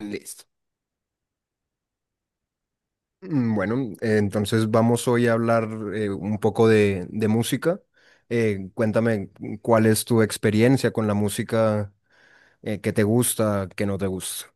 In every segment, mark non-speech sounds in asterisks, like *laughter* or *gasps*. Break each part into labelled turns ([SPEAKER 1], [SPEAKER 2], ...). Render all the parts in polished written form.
[SPEAKER 1] Listo. Bueno, entonces vamos hoy a hablar un poco de música. Cuéntame cuál es tu experiencia con la música, que te gusta, que no te gusta.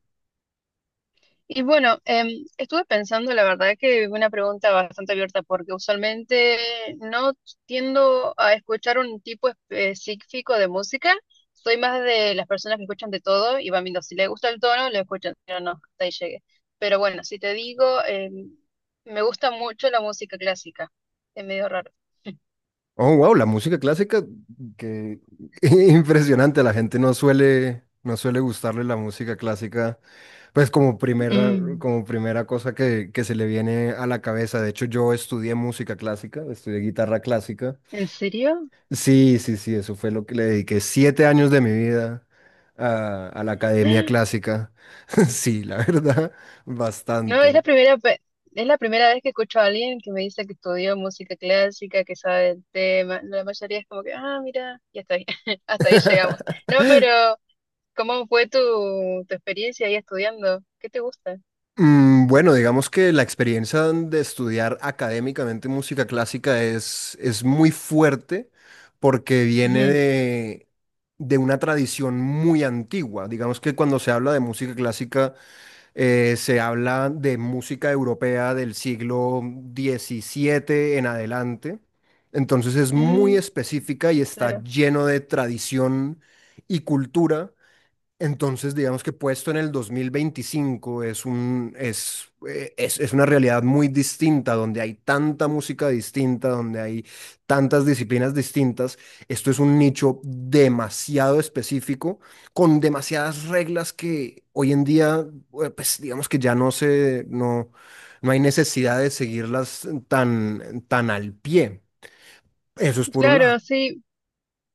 [SPEAKER 2] Y bueno, estuve pensando, la verdad que una pregunta bastante abierta, porque usualmente no tiendo a escuchar un tipo específico de música. Soy más de las personas que escuchan de todo y van viendo si le gusta el tono, lo escuchan, si no, no, hasta ahí llegué. Pero bueno, si te digo, me gusta mucho la música clásica. Es medio raro.
[SPEAKER 1] Oh, wow, la música clásica, que *laughs* impresionante. La gente no suele gustarle la música clásica, pues
[SPEAKER 2] Mm,
[SPEAKER 1] como primera cosa que se le viene a la cabeza. De hecho, yo estudié música clásica, estudié guitarra clásica.
[SPEAKER 2] ¿en serio?
[SPEAKER 1] Sí, sí, sí, eso fue lo que le dediqué 7 años de mi vida a la academia
[SPEAKER 2] *gasps*
[SPEAKER 1] clásica. *laughs* Sí, la verdad,
[SPEAKER 2] No, es
[SPEAKER 1] bastante.
[SPEAKER 2] es la primera vez que escucho a alguien que me dice que estudió música clásica, que sabe el tema. La mayoría es como que, ah, mira, ya está ahí, *laughs* hasta ahí llegamos. No, pero
[SPEAKER 1] *laughs*
[SPEAKER 2] ¿cómo fue tu experiencia ahí estudiando? ¿Qué te gusta?
[SPEAKER 1] Bueno, digamos que la experiencia de estudiar académicamente música clásica es muy fuerte porque viene
[SPEAKER 2] Ujú.
[SPEAKER 1] de una tradición muy antigua. Digamos que cuando se habla de música clásica se habla de música europea del siglo 17 en adelante. Entonces es muy
[SPEAKER 2] Mm,
[SPEAKER 1] específica y está
[SPEAKER 2] claro.
[SPEAKER 1] lleno de tradición y cultura, entonces digamos que puesto en el 2025 es un, es una realidad muy distinta, donde hay tanta música distinta, donde hay tantas disciplinas distintas. Esto es un nicho demasiado específico, con demasiadas reglas que hoy en día, pues digamos que ya no se, no, no hay necesidad de seguirlas tan al pie. Eso es por un lado.
[SPEAKER 2] Claro, sí.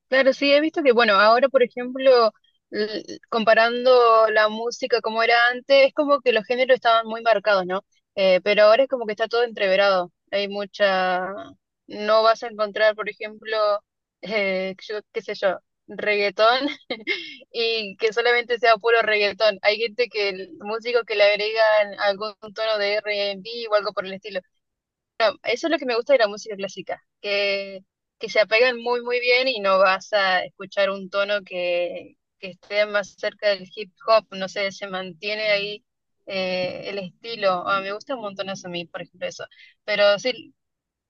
[SPEAKER 2] Claro, sí, he visto que, bueno, ahora, por ejemplo, comparando la música como era antes, es como que los géneros estaban muy marcados, ¿no? Pero ahora es como que está todo entreverado. Hay mucha... No vas a encontrar, por ejemplo, yo, qué sé yo, reggaetón *laughs* y que solamente sea puro reggaetón. Hay gente que, el músico que le agregan algún tono de R&B o algo por el estilo. Bueno, eso es lo que me gusta de la música clásica, que se apegan muy, muy bien y no vas a escuchar un tono que esté más cerca del hip hop, no sé, se mantiene ahí el estilo. Ah, me gusta un montón eso a mí, por ejemplo, eso. Pero sí,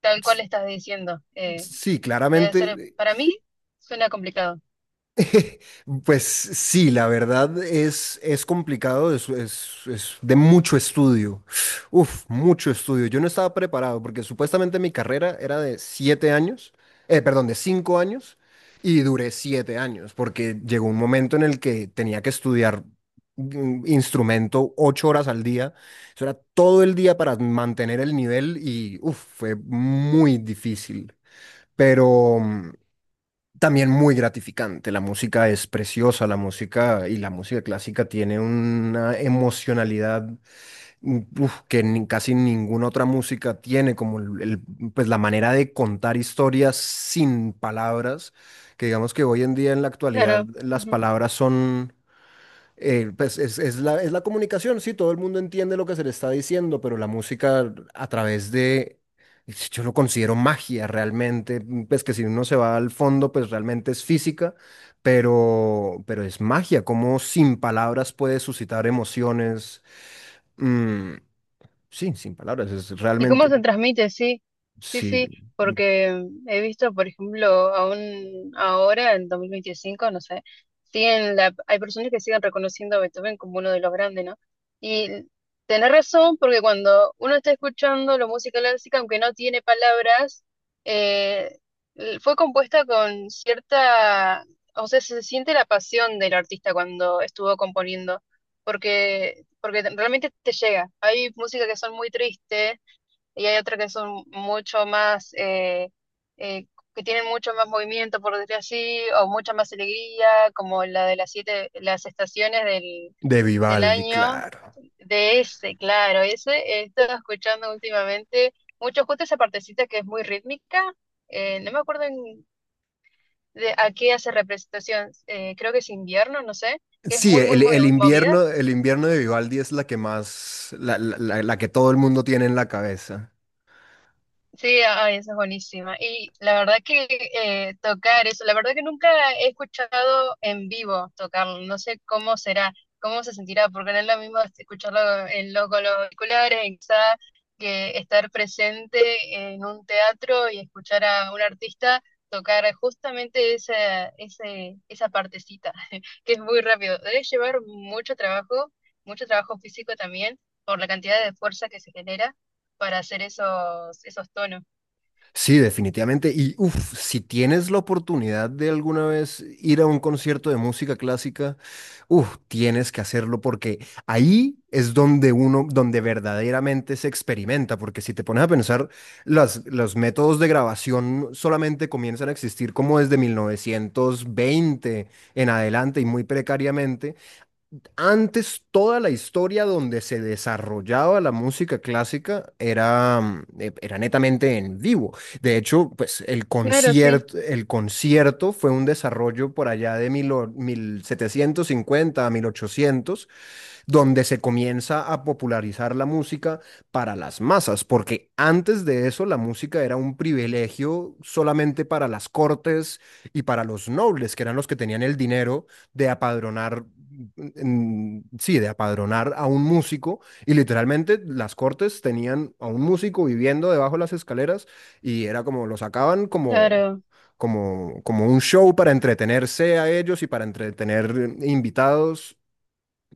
[SPEAKER 2] tal cual
[SPEAKER 1] S-
[SPEAKER 2] estás diciendo,
[SPEAKER 1] Sí,
[SPEAKER 2] debe ser,
[SPEAKER 1] claramente.
[SPEAKER 2] para mí suena complicado.
[SPEAKER 1] *laughs* Pues sí, la verdad es complicado, es de mucho estudio. Uf, mucho estudio. Yo no estaba preparado porque supuestamente mi carrera era de 7 años, perdón, de 5 años, y duré 7 años porque llegó un momento en el que tenía que estudiar instrumento 8 horas al día. Eso era todo el día para mantener el nivel, y uf, fue muy difícil. Pero también muy gratificante. La música es preciosa, la música, y la música clásica tiene una emocionalidad, uf, que casi ninguna otra música tiene, como pues la manera de contar historias sin palabras, que digamos que hoy en día, en la actualidad,
[SPEAKER 2] Claro.
[SPEAKER 1] las palabras son, pues es es la comunicación, sí, todo el mundo entiende lo que se le está diciendo, pero la música a través de, yo lo considero magia realmente. Pues que si uno se va al fondo, pues realmente es física, pero es magia, como sin palabras puede suscitar emociones. mm, sí, sin palabras, es
[SPEAKER 2] ¿Y cómo
[SPEAKER 1] realmente,
[SPEAKER 2] se transmite? Sí, sí,
[SPEAKER 1] sí,
[SPEAKER 2] sí, porque he visto, por ejemplo, aún ahora, en 2025 no sé, siguen la, hay personas que siguen reconociendo a Beethoven como uno de los grandes, ¿no? Y tenés razón, porque cuando uno está escuchando la música clásica, aunque no tiene palabras, eh, fue compuesta con cierta, o sea, se siente la pasión del artista cuando estuvo componiendo, porque, porque realmente te llega. Hay música que son muy tristes y hay otras que son mucho más, eh, que tienen mucho más movimiento, por decir así, o mucha más alegría, como la de las siete, las estaciones del,
[SPEAKER 1] de
[SPEAKER 2] del
[SPEAKER 1] Vivaldi,
[SPEAKER 2] año,
[SPEAKER 1] claro.
[SPEAKER 2] de ese, claro, ese he estado escuchando últimamente mucho justo esa partecita que es muy rítmica, no me acuerdo en- de a qué hace representación, creo que es invierno, no sé, que es
[SPEAKER 1] Sí,
[SPEAKER 2] muy, movida.
[SPEAKER 1] el invierno de Vivaldi es la que más, la que todo el mundo tiene en la cabeza.
[SPEAKER 2] Sí, ay, esa es buenísima. Y la verdad que tocar eso, la verdad que nunca he escuchado en vivo tocarlo, no sé cómo será, cómo se sentirá, porque no es lo mismo escucharlo en lo, con los auriculares, en casa, que estar presente en un teatro y escuchar a un artista tocar justamente esa partecita, *laughs* que es muy rápido. Debe llevar mucho trabajo físico también, por la cantidad de fuerza que se genera para hacer esos tonos.
[SPEAKER 1] Sí, definitivamente. Y uff, si tienes la oportunidad de alguna vez ir a un concierto de música clásica, uff, tienes que hacerlo, porque ahí es donde uno, donde verdaderamente se experimenta. Porque si te pones a pensar, los métodos de grabación solamente comienzan a existir como desde 1920 en adelante, y muy precariamente. Antes, toda la historia donde se desarrollaba la música clásica era, era netamente en vivo. De hecho, pues
[SPEAKER 2] Claro, sí,
[SPEAKER 1] el concierto fue un desarrollo por allá de 1750 a 1800, donde se comienza a popularizar la música para las masas, porque antes de eso la música era un privilegio solamente para las cortes y para los nobles, que eran los que tenían el dinero de apadronar, sí, de apadronar a un músico, y literalmente las cortes tenían a un músico viviendo debajo de las escaleras, y era como lo sacaban, como
[SPEAKER 2] claro.
[SPEAKER 1] como un show para entretenerse a ellos y para entretener invitados.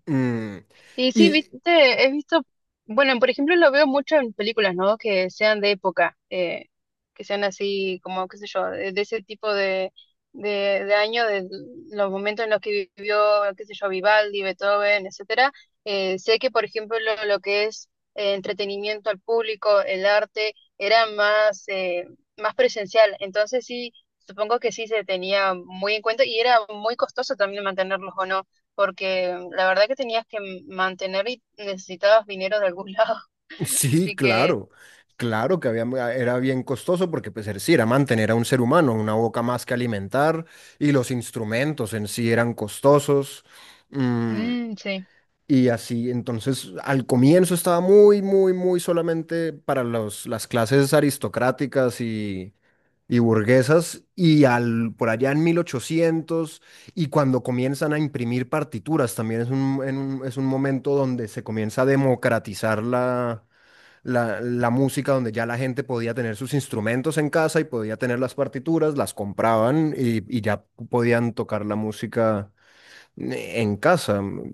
[SPEAKER 1] Mm,
[SPEAKER 2] Y sí,
[SPEAKER 1] y
[SPEAKER 2] viste, he visto, bueno, por ejemplo, lo veo mucho en películas, ¿no? Que sean de época, que sean así, como, qué sé yo, de ese tipo de año, de los momentos en los que vivió, qué sé yo, Vivaldi, Beethoven, etcétera. Sé que, por ejemplo, lo que es entretenimiento al público, el arte, era más, más presencial. Entonces sí, supongo que sí se tenía muy en cuenta y era muy costoso también mantenerlos, ¿o no? Porque la verdad que tenías que mantener y necesitabas dinero de algún *laughs* lado.
[SPEAKER 1] sí,
[SPEAKER 2] Así que,
[SPEAKER 1] claro, claro que había, ah, era bien costoso porque pues sí, era mantener a un ser humano, una boca más que alimentar, y los instrumentos en sí eran costosos. Mm,
[SPEAKER 2] mm, sí.
[SPEAKER 1] Y así, entonces al comienzo estaba muy, muy, muy solamente para los, las clases aristocráticas y burguesas, y por allá en 1800, y cuando comienzan a imprimir partituras, también es un, es un momento donde se comienza a democratizar la música, donde ya la gente podía tener sus instrumentos en casa y podía tener las partituras, las compraban, y ya podían tocar la música en casa.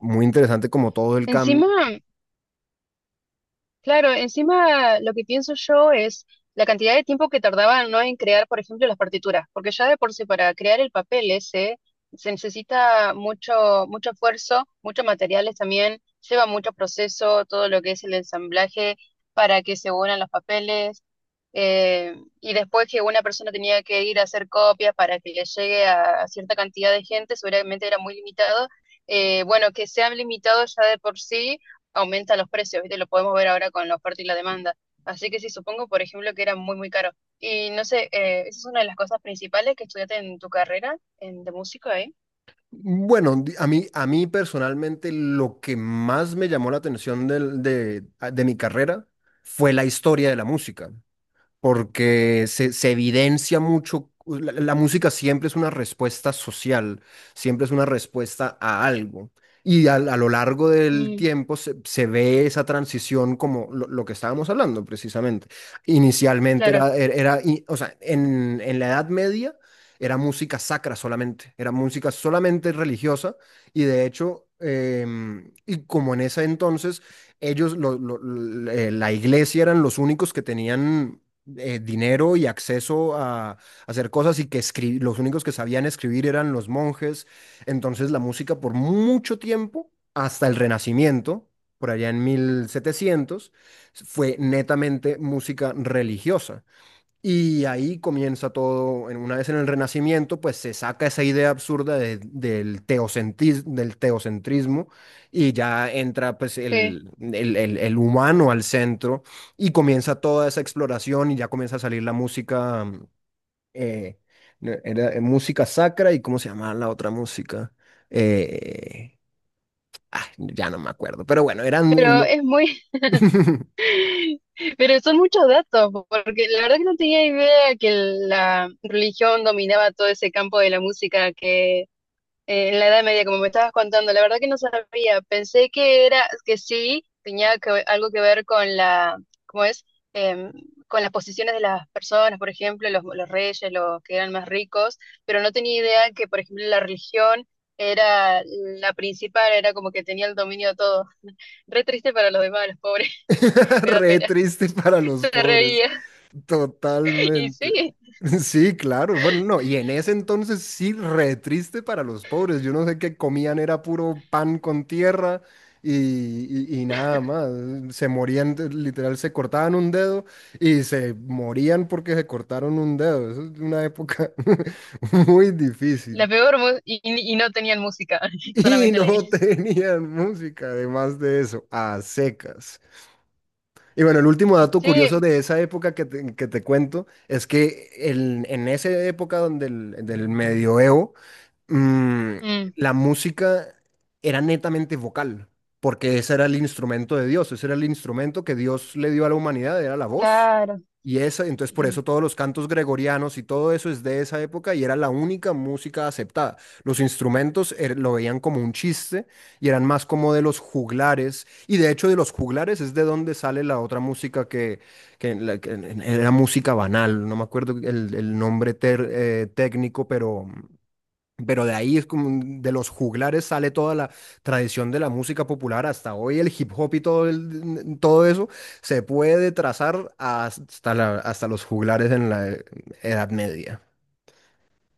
[SPEAKER 1] Muy interesante como todo el cambio.
[SPEAKER 2] Encima, claro, encima lo que pienso yo es la cantidad de tiempo que tardaban, ¿no? En crear, por ejemplo, las partituras, porque ya de por sí para crear el papel ese se necesita mucho, mucho esfuerzo, muchos materiales también, lleva mucho proceso, todo lo que es el ensamblaje para que se unan los papeles, eh, y después que una persona tenía que ir a hacer copias para que le llegue a cierta cantidad de gente, seguramente era muy limitado. Bueno, que sea limitado ya de por sí aumenta los precios, ¿viste? Lo podemos ver ahora con la oferta y la demanda. Así que sí, supongo, por ejemplo, que era muy, muy caro. Y no sé, ¿esa es una de las cosas principales que estudiaste en tu carrera en, de músico, eh?
[SPEAKER 1] Bueno, a mí personalmente lo que más me llamó la atención de mi carrera fue la historia de la música, porque se evidencia mucho, la música siempre es una respuesta social, siempre es una respuesta a algo. Y lo largo del
[SPEAKER 2] Mm,
[SPEAKER 1] tiempo se ve esa transición como lo que estábamos hablando precisamente. Inicialmente
[SPEAKER 2] claro,
[SPEAKER 1] era, o sea, en la Edad Media era música sacra solamente, era música solamente religiosa. Y de hecho, y como en ese entonces ellos, la iglesia eran los únicos que tenían dinero y acceso a hacer cosas, y que los únicos que sabían escribir eran los monjes. Entonces la música por mucho tiempo, hasta el Renacimiento, por allá en 1700, fue netamente música religiosa. Y ahí comienza todo, una vez en el Renacimiento, pues se saca esa idea absurda del del teocentrismo, y ya entra pues
[SPEAKER 2] sí.
[SPEAKER 1] el humano al centro, y comienza toda esa exploración, y ya comienza a salir la música. Eh, no, era, música sacra, y cómo se llamaba la otra música. Eh, ya no me acuerdo, pero bueno, eran...
[SPEAKER 2] Pero es muy,
[SPEAKER 1] *laughs*
[SPEAKER 2] *laughs* pero son muchos datos, porque la verdad que no tenía idea que la religión dominaba todo ese campo de la música, que en la Edad Media, como me estabas contando, la verdad que no sabía. Pensé que era, que sí, tenía que, algo que ver con la, ¿cómo es? Em, con las posiciones de las personas, por ejemplo, los reyes, los que eran más ricos, pero no tenía idea que, por ejemplo, la religión era la principal, era como que tenía el dominio de todo. *laughs* Re triste para los demás, los pobres,
[SPEAKER 1] *laughs*
[SPEAKER 2] *laughs* me da
[SPEAKER 1] Re
[SPEAKER 2] pena.
[SPEAKER 1] triste para
[SPEAKER 2] *laughs*
[SPEAKER 1] los
[SPEAKER 2] Se
[SPEAKER 1] pobres.
[SPEAKER 2] reía. Y
[SPEAKER 1] Totalmente.
[SPEAKER 2] sí,
[SPEAKER 1] Sí, claro. Bueno, no, y en ese entonces sí, re triste para los pobres. Yo no sé qué comían, era puro pan con tierra, y, y nada más. Se morían, literal, se cortaban un dedo y se morían porque se cortaron un dedo. Eso es una época *laughs* muy
[SPEAKER 2] la
[SPEAKER 1] difícil.
[SPEAKER 2] peor, y no tenían música, *laughs*
[SPEAKER 1] Y
[SPEAKER 2] solamente la
[SPEAKER 1] no *laughs*
[SPEAKER 2] iglesia.
[SPEAKER 1] tenían música, además de eso, a secas. Y bueno, el último dato curioso
[SPEAKER 2] Sí,
[SPEAKER 1] de esa época que que te cuento es que en esa época donde del medioevo, mm,
[SPEAKER 2] mm,
[SPEAKER 1] la música era netamente vocal, porque ese era el instrumento de Dios, ese era el instrumento que Dios le dio a la humanidad, era la voz.
[SPEAKER 2] claro.
[SPEAKER 1] Y esa, entonces por
[SPEAKER 2] Ujú.
[SPEAKER 1] eso todos los cantos gregorianos y todo eso es de esa época, y era la única música aceptada. Los instrumentos lo veían como un chiste, y eran más como de los juglares. Y de hecho, de los juglares es de donde sale la otra música que era música banal. No me acuerdo el nombre técnico, pero... Pero de ahí es como de los juglares sale toda la tradición de la música popular hasta hoy, el hip hop y todo, todo eso se puede trazar hasta, hasta los juglares en la Edad Media.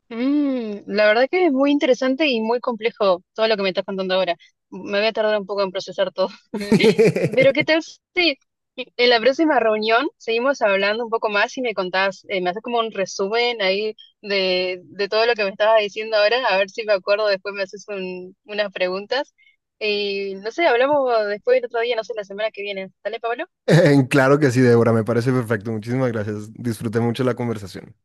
[SPEAKER 2] Mm, la verdad que es muy interesante y muy complejo todo lo que me estás contando ahora. Me voy a tardar un poco en procesar todo. *laughs* Pero ¿qué
[SPEAKER 1] *laughs*
[SPEAKER 2] tal si en la próxima reunión seguimos hablando un poco más y me contás, me haces como un resumen ahí de todo lo que me estabas diciendo ahora? A ver si me acuerdo, después me haces unas preguntas. Y no sé, hablamos después el otro día, no sé, la semana que viene. ¿Dale, Pablo?
[SPEAKER 1] Claro que sí, Débora, me parece perfecto. Muchísimas gracias. Disfruté mucho la conversación.